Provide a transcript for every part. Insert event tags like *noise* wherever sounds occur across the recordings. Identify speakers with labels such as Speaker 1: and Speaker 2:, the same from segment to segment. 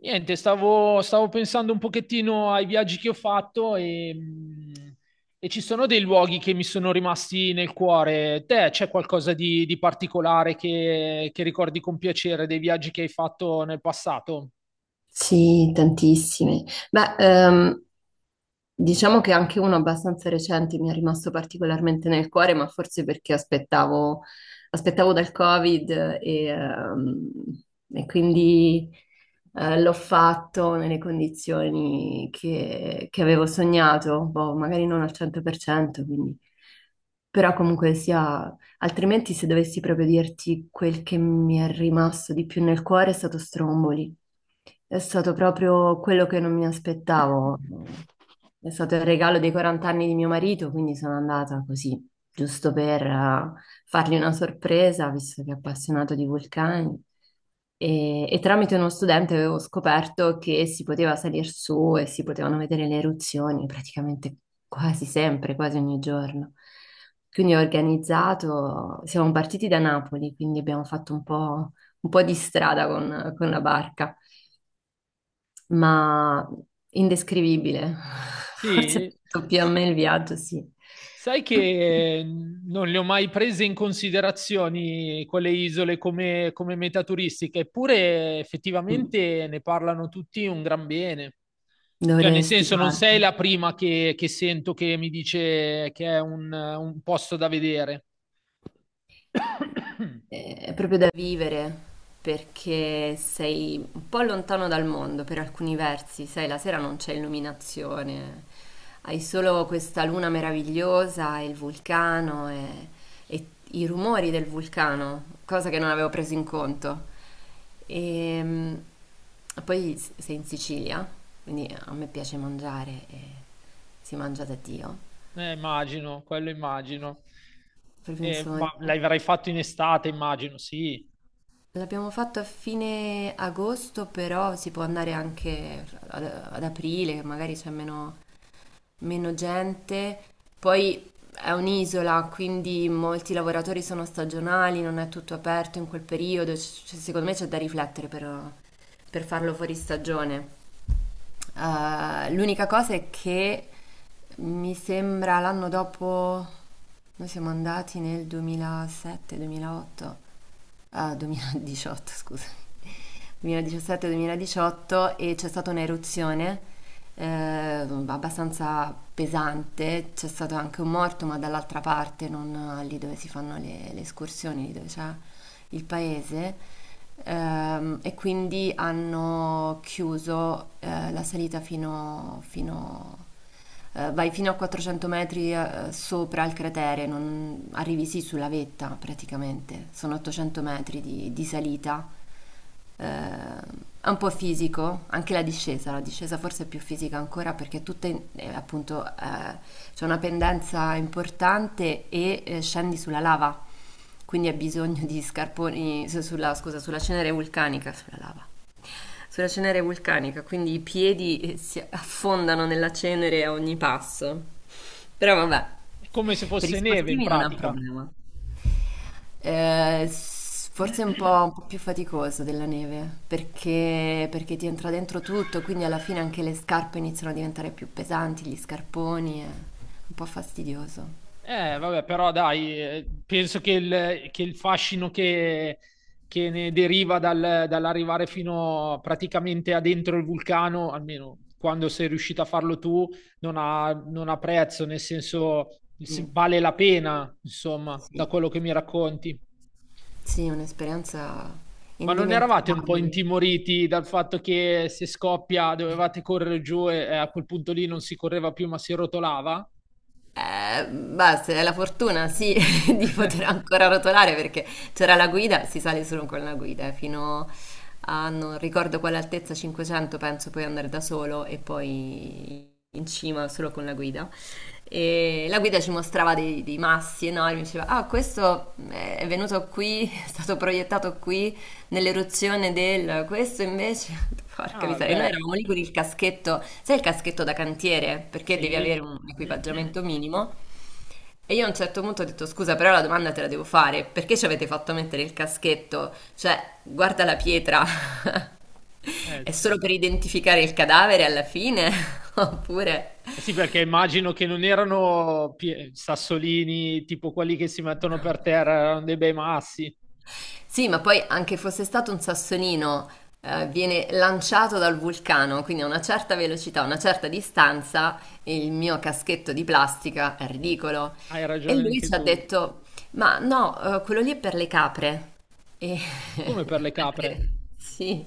Speaker 1: Niente, stavo pensando un pochettino ai viaggi che ho fatto e ci sono dei luoghi che mi sono rimasti nel cuore. Te c'è qualcosa di particolare che ricordi con piacere dei viaggi che hai fatto nel passato?
Speaker 2: Sì, tantissime. Beh, diciamo che anche uno abbastanza recente mi è rimasto particolarmente nel cuore, ma forse perché aspettavo dal Covid e e quindi l'ho fatto nelle condizioni che avevo sognato, boh, magari non al 100%, quindi... Però comunque sia, altrimenti se dovessi proprio dirti quel che mi è rimasto di più nel cuore è stato Stromboli. È stato proprio quello che non mi aspettavo. È stato il regalo dei 40 anni di mio marito, quindi sono andata così, giusto per fargli una sorpresa, visto che è appassionato di vulcani. E tramite uno studente avevo scoperto che si poteva salire su e si potevano vedere le eruzioni praticamente quasi sempre, quasi ogni giorno. Quindi ho organizzato, siamo partiti da Napoli, quindi abbiamo fatto un po' di strada con la barca ma indescrivibile. *laughs* Forse
Speaker 1: Sì,
Speaker 2: più a
Speaker 1: s-
Speaker 2: me il viaggio, sì.
Speaker 1: sai che non le ho mai prese in considerazione quelle isole come, come meta turistica, eppure
Speaker 2: Mm.
Speaker 1: effettivamente ne parlano tutti un gran bene. Cioè, nel
Speaker 2: Dovresti
Speaker 1: senso, non
Speaker 2: guarda.
Speaker 1: sei la prima che sento che mi dice che è un posto da vedere. *coughs* *clears throat*
Speaker 2: È proprio da vivere perché sei un po' lontano dal mondo per alcuni versi, sai, la sera non c'è illuminazione, hai solo questa luna meravigliosa e il vulcano e i rumori del vulcano, cosa che non avevo preso in conto. E poi sei in Sicilia, quindi a me piace mangiare e si mangia da Dio,
Speaker 1: Immagino, quello immagino.
Speaker 2: è proprio un sogno.
Speaker 1: Ma l'avrai fatto in estate, immagino, sì.
Speaker 2: L'abbiamo fatto a fine agosto, però si può andare anche ad aprile, che magari c'è meno gente. Poi è un'isola, quindi molti lavoratori sono stagionali, non è tutto aperto in quel periodo. Secondo me c'è da riflettere per farlo fuori stagione. L'unica cosa è che mi sembra l'anno dopo, noi siamo andati nel 2018, *laughs* scusa, 2017-2018 e c'è stata un'eruzione abbastanza pesante, c'è stato anche un morto, ma dall'altra parte, non lì dove si fanno le escursioni, lì dove c'è il paese. E quindi hanno chiuso la salita fino vai fino a 400 metri sopra il cratere, arrivi sì sulla vetta praticamente, sono 800 metri di salita, eh, è un po' fisico, anche la discesa forse è più fisica ancora perché tutta appunto c'è una pendenza importante e scendi sulla lava, quindi hai bisogno di scarponi, scusa, sulla cenere vulcanica, sulla lava sulla cenere vulcanica, quindi i piedi si affondano nella cenere a ogni passo. Però vabbè,
Speaker 1: È come se
Speaker 2: per gli
Speaker 1: fosse neve in
Speaker 2: sportivi non è un
Speaker 1: pratica.
Speaker 2: problema. Forse è
Speaker 1: *coughs* *clears throat*
Speaker 2: un po' più faticoso della neve, perché ti entra dentro tutto, quindi alla fine anche le scarpe iniziano a diventare più pesanti, gli scarponi, è un po' fastidioso.
Speaker 1: Vabbè, però dai, penso che il fascino che ne deriva dall'arrivare fino praticamente a dentro il vulcano, almeno quando sei riuscito a farlo tu, non ha, non ha prezzo, nel senso
Speaker 2: Sì,
Speaker 1: vale la pena, insomma, da
Speaker 2: sì,
Speaker 1: quello che mi racconti.
Speaker 2: sì, un'esperienza
Speaker 1: Ma non eravate un po'
Speaker 2: indimenticabile.
Speaker 1: intimoriti dal fatto che se scoppia dovevate correre giù e a quel punto lì non si correva più, ma si rotolava?
Speaker 2: Beh, se hai la fortuna, sì, *laughs* di poter
Speaker 1: *laughs*
Speaker 2: ancora rotolare perché c'era la guida, si sale solo con la guida, fino a non ricordo quale altezza, 500, penso puoi andare da solo e poi in cima solo con la guida. E la guida ci mostrava dei massi enormi, diceva, ah, questo è venuto qui, *laughs* è stato proiettato qui nell'eruzione del... Questo invece, *laughs* porca
Speaker 1: Ah,
Speaker 2: miseria, e noi
Speaker 1: beh,
Speaker 2: eravamo lì con il caschetto, sai il caschetto da cantiere, perché devi
Speaker 1: sì.
Speaker 2: avere un equipaggiamento minimo. E io a un certo punto ho detto, scusa, però la domanda te la devo fare, perché ci avete fatto mettere il caschetto? Cioè, guarda la pietra, *laughs*
Speaker 1: Eh
Speaker 2: è solo
Speaker 1: sì.
Speaker 2: per identificare il cadavere alla fine? *laughs* Oppure...
Speaker 1: Eh sì, perché immagino che non erano sassolini tipo quelli che si mettono per terra, erano dei bei massi.
Speaker 2: Sì, ma poi anche fosse stato un sassolino, viene lanciato dal vulcano, quindi a una certa velocità, a una certa distanza, il mio caschetto di plastica è ridicolo.
Speaker 1: Hai
Speaker 2: E
Speaker 1: ragione
Speaker 2: lui
Speaker 1: anche
Speaker 2: ci ha
Speaker 1: tu.
Speaker 2: detto, ma no, quello lì è per le capre. E
Speaker 1: Come per le
Speaker 2: *laughs*
Speaker 1: capre?
Speaker 2: anche- sì,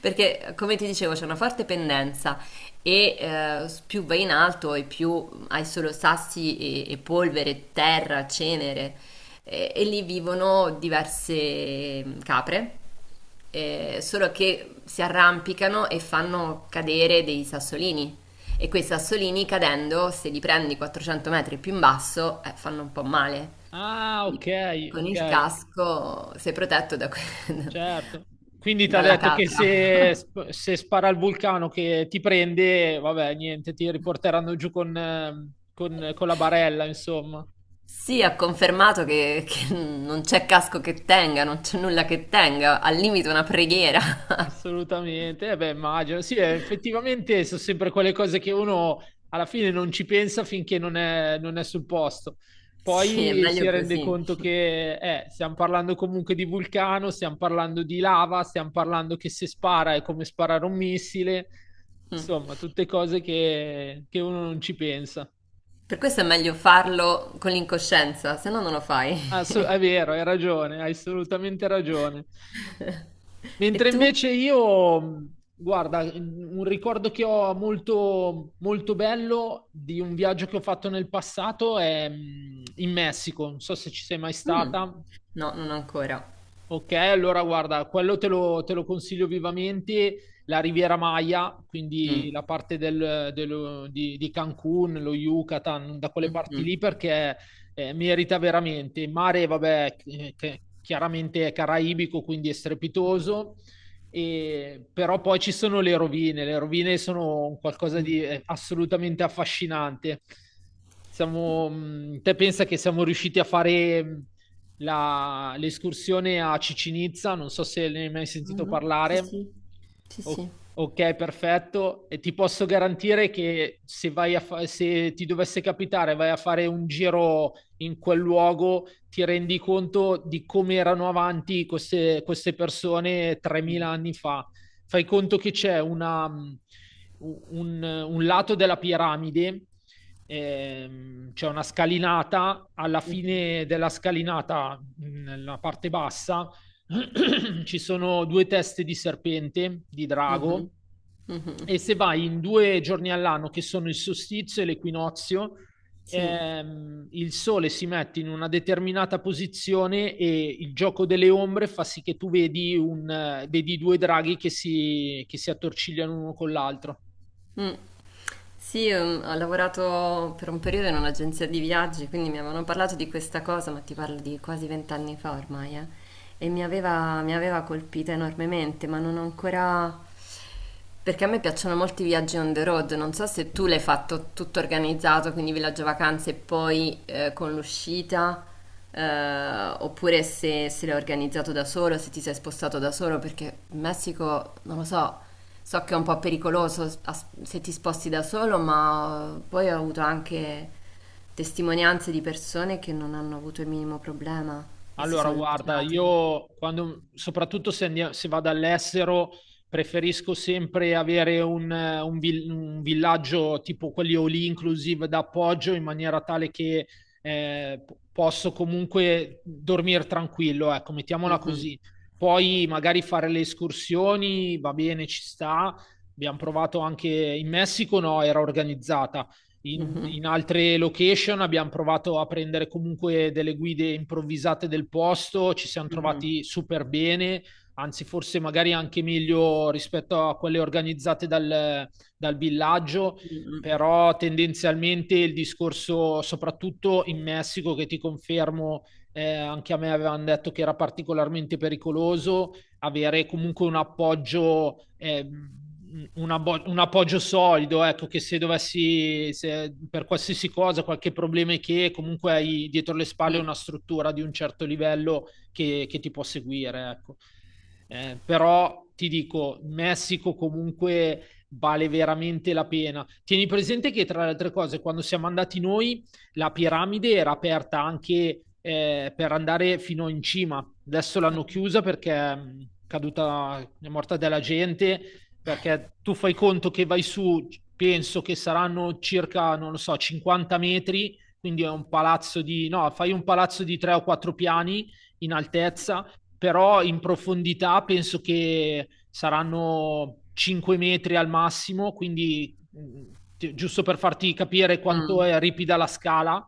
Speaker 2: perché come ti dicevo c'è una forte pendenza e più vai in alto e più hai solo sassi e polvere, terra, cenere e lì vivono diverse capre, solo che si arrampicano e fanno cadere dei sassolini. E quei sassolini cadendo, se li prendi 400 metri più in basso, fanno un po' male.
Speaker 1: Ah, ok,
Speaker 2: Quindi con il
Speaker 1: ok,
Speaker 2: casco sei protetto da que-
Speaker 1: certo.
Speaker 2: *laughs*
Speaker 1: Quindi ti ha
Speaker 2: dalla
Speaker 1: detto che
Speaker 2: capra.
Speaker 1: se, se spara il vulcano che ti prende, vabbè, niente, ti riporteranno giù con la barella, insomma.
Speaker 2: Sì, ha confermato che non c'è casco che tenga, non c'è nulla che tenga, al limite una preghiera. *laughs*
Speaker 1: Assolutamente, eh beh, immagino. Sì, effettivamente sono sempre quelle cose che uno alla fine non ci pensa finché non è, non è sul posto.
Speaker 2: Sì, è
Speaker 1: Poi
Speaker 2: meglio
Speaker 1: si rende
Speaker 2: così.
Speaker 1: conto che stiamo parlando comunque di vulcano, stiamo parlando di lava, stiamo parlando che se spara è come sparare un missile,
Speaker 2: Mm.
Speaker 1: insomma, tutte cose che uno non ci pensa.
Speaker 2: Per questo è meglio farlo con l'incoscienza, se no non lo fai.
Speaker 1: È vero, hai ragione, hai assolutamente ragione.
Speaker 2: *laughs* E
Speaker 1: Mentre
Speaker 2: tu?
Speaker 1: invece io, guarda, un ricordo che ho molto, molto bello di un viaggio che ho fatto nel passato è in Messico. Non so se ci sei mai
Speaker 2: Mm.
Speaker 1: stata.
Speaker 2: No, non ancora.
Speaker 1: Ok, allora guarda, quello te lo consiglio vivamente, la Riviera Maya, quindi
Speaker 2: Mm.
Speaker 1: la parte di Cancun, lo Yucatan, da quelle parti
Speaker 2: Mhm.
Speaker 1: lì perché merita veramente. Il mare, vabbè, che chiaramente è caraibico, quindi è
Speaker 2: Mm.
Speaker 1: strepitoso, però poi ci sono le rovine sono un qualcosa
Speaker 2: Mm.
Speaker 1: di assolutamente affascinante. Siamo, te pensa che siamo riusciti a fare l'escursione a Cicinizza, non so se ne hai mai sentito
Speaker 2: Mhm. Sì,
Speaker 1: parlare.
Speaker 2: sì, sì, sì.
Speaker 1: Ok, perfetto. E ti posso garantire che se vai a se ti dovesse capitare, vai a fare un giro in quel luogo, ti rendi conto di come erano avanti queste, queste persone 3000
Speaker 2: Mm.
Speaker 1: anni fa. Fai conto che c'è una, un lato della piramide c'è una scalinata, alla
Speaker 2: Mhm.
Speaker 1: fine della scalinata, nella parte bassa, *clears throat* *coughs* ci sono due teste di serpente, di
Speaker 2: Mhm.
Speaker 1: drago,
Speaker 2: Mhm.
Speaker 1: e se vai in due giorni all'anno, che sono il solstizio e l'equinozio,
Speaker 2: Sì.
Speaker 1: il sole si mette in una determinata posizione e il gioco delle ombre fa sì che tu vedi, vedi due draghi che si attorcigliano uno con l'altro.
Speaker 2: Mm. Sì, ho lavorato per un periodo in un'agenzia di viaggi, quindi mi avevano parlato di questa cosa, ma ti parlo di quasi 20 anni fa ormai, e mi aveva colpita enormemente, ma non ho ancora... Perché a me piacciono molti viaggi on the road, non so se tu l'hai fatto tutto organizzato, quindi villaggio vacanze e poi con l'uscita, oppure se l'hai organizzato da solo, se ti sei spostato da solo, perché in Messico, non lo so... So che è un po' pericoloso se ti sposti da solo, ma poi ho avuto anche testimonianze di persone che non hanno avuto il minimo problema e si
Speaker 1: Allora,
Speaker 2: sono
Speaker 1: guarda,
Speaker 2: lanciate.
Speaker 1: io quando, soprattutto se, se vado all'estero, preferisco sempre avere un un villaggio tipo quelli all inclusive d'appoggio in maniera tale che posso comunque dormire tranquillo, ecco, mettiamola
Speaker 2: Mhm,
Speaker 1: così. Poi magari fare le escursioni, va bene, ci sta. Abbiamo provato anche in Messico, no, era organizzata in,
Speaker 2: mhm,
Speaker 1: in altre location, abbiamo provato a prendere comunque delle guide improvvisate del posto, ci siamo
Speaker 2: mhm,
Speaker 1: trovati super bene, anzi forse magari anche meglio rispetto a quelle organizzate dal villaggio,
Speaker 2: mhm,
Speaker 1: però tendenzialmente il discorso, soprattutto in Messico, che ti confermo, anche a me avevano detto che era particolarmente pericoloso, avere comunque un appoggio, un appoggio solido, ecco, che se dovessi, se per qualsiasi cosa, qualche problema, è che comunque hai dietro le spalle
Speaker 2: mhm,
Speaker 1: una struttura di un certo livello che ti può seguire, ecco. Però ti dico, Messico comunque vale veramente la pena. Tieni presente che tra le altre cose, quando siamo andati noi, la piramide era aperta anche per andare fino in cima. Adesso l'hanno chiusa perché è caduta, è morta della gente, perché tu fai conto che vai su, penso che saranno circa, non lo so, 50 metri, quindi è un palazzo di, no, fai un palazzo di tre o quattro piani in altezza, però in profondità penso che saranno 5 metri al massimo, quindi giusto per farti capire quanto è ripida la scala,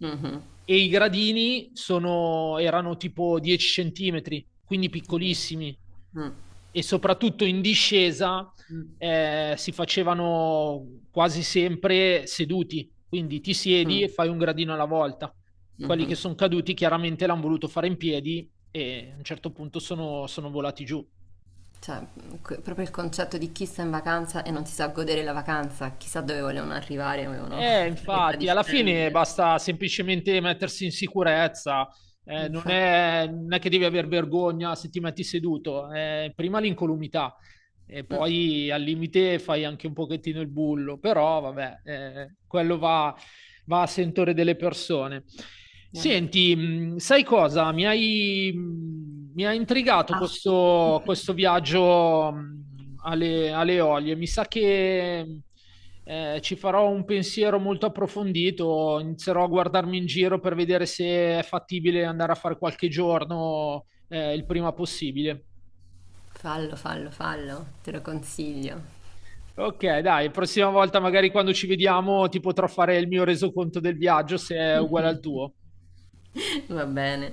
Speaker 2: mhm,
Speaker 1: e i gradini erano tipo 10 centimetri, quindi
Speaker 2: mhm.
Speaker 1: piccolissimi,
Speaker 2: Mm,
Speaker 1: e soprattutto in discesa
Speaker 2: mm,
Speaker 1: si facevano quasi sempre seduti, quindi ti siedi e
Speaker 2: mm,
Speaker 1: fai un gradino alla volta. Quelli che
Speaker 2: mhm.
Speaker 1: sono caduti chiaramente l'hanno voluto fare in piedi e a un certo punto sono volati giù.
Speaker 2: Cioè, que- proprio il concetto di chi sta in vacanza e non si sa godere la vacanza, chissà dove volevano arrivare, avevano *laughs* fretta di
Speaker 1: Infatti, alla fine
Speaker 2: scendere.
Speaker 1: basta semplicemente mettersi in sicurezza, non
Speaker 2: Infatti.
Speaker 1: è, non è che devi aver vergogna se ti metti seduto, prima l'incolumità e
Speaker 2: Mm,
Speaker 1: poi al limite fai anche un pochettino il bullo, però vabbè, quello va, va a sentore delle persone.
Speaker 2: eh.
Speaker 1: Senti, sai cosa? Mi ha intrigato
Speaker 2: Parti.
Speaker 1: questo,
Speaker 2: *laughs*
Speaker 1: questo viaggio alle, alle Eolie, mi sa che ci farò un pensiero molto approfondito, inizierò a guardarmi in giro per vedere se è fattibile andare a fare qualche giorno, il prima possibile.
Speaker 2: Fallo, fallo, fallo, te lo consiglio.
Speaker 1: Ok, dai, prossima volta magari quando ci vediamo ti potrò fare il mio resoconto del viaggio se è uguale al tuo.
Speaker 2: *laughs* Va bene.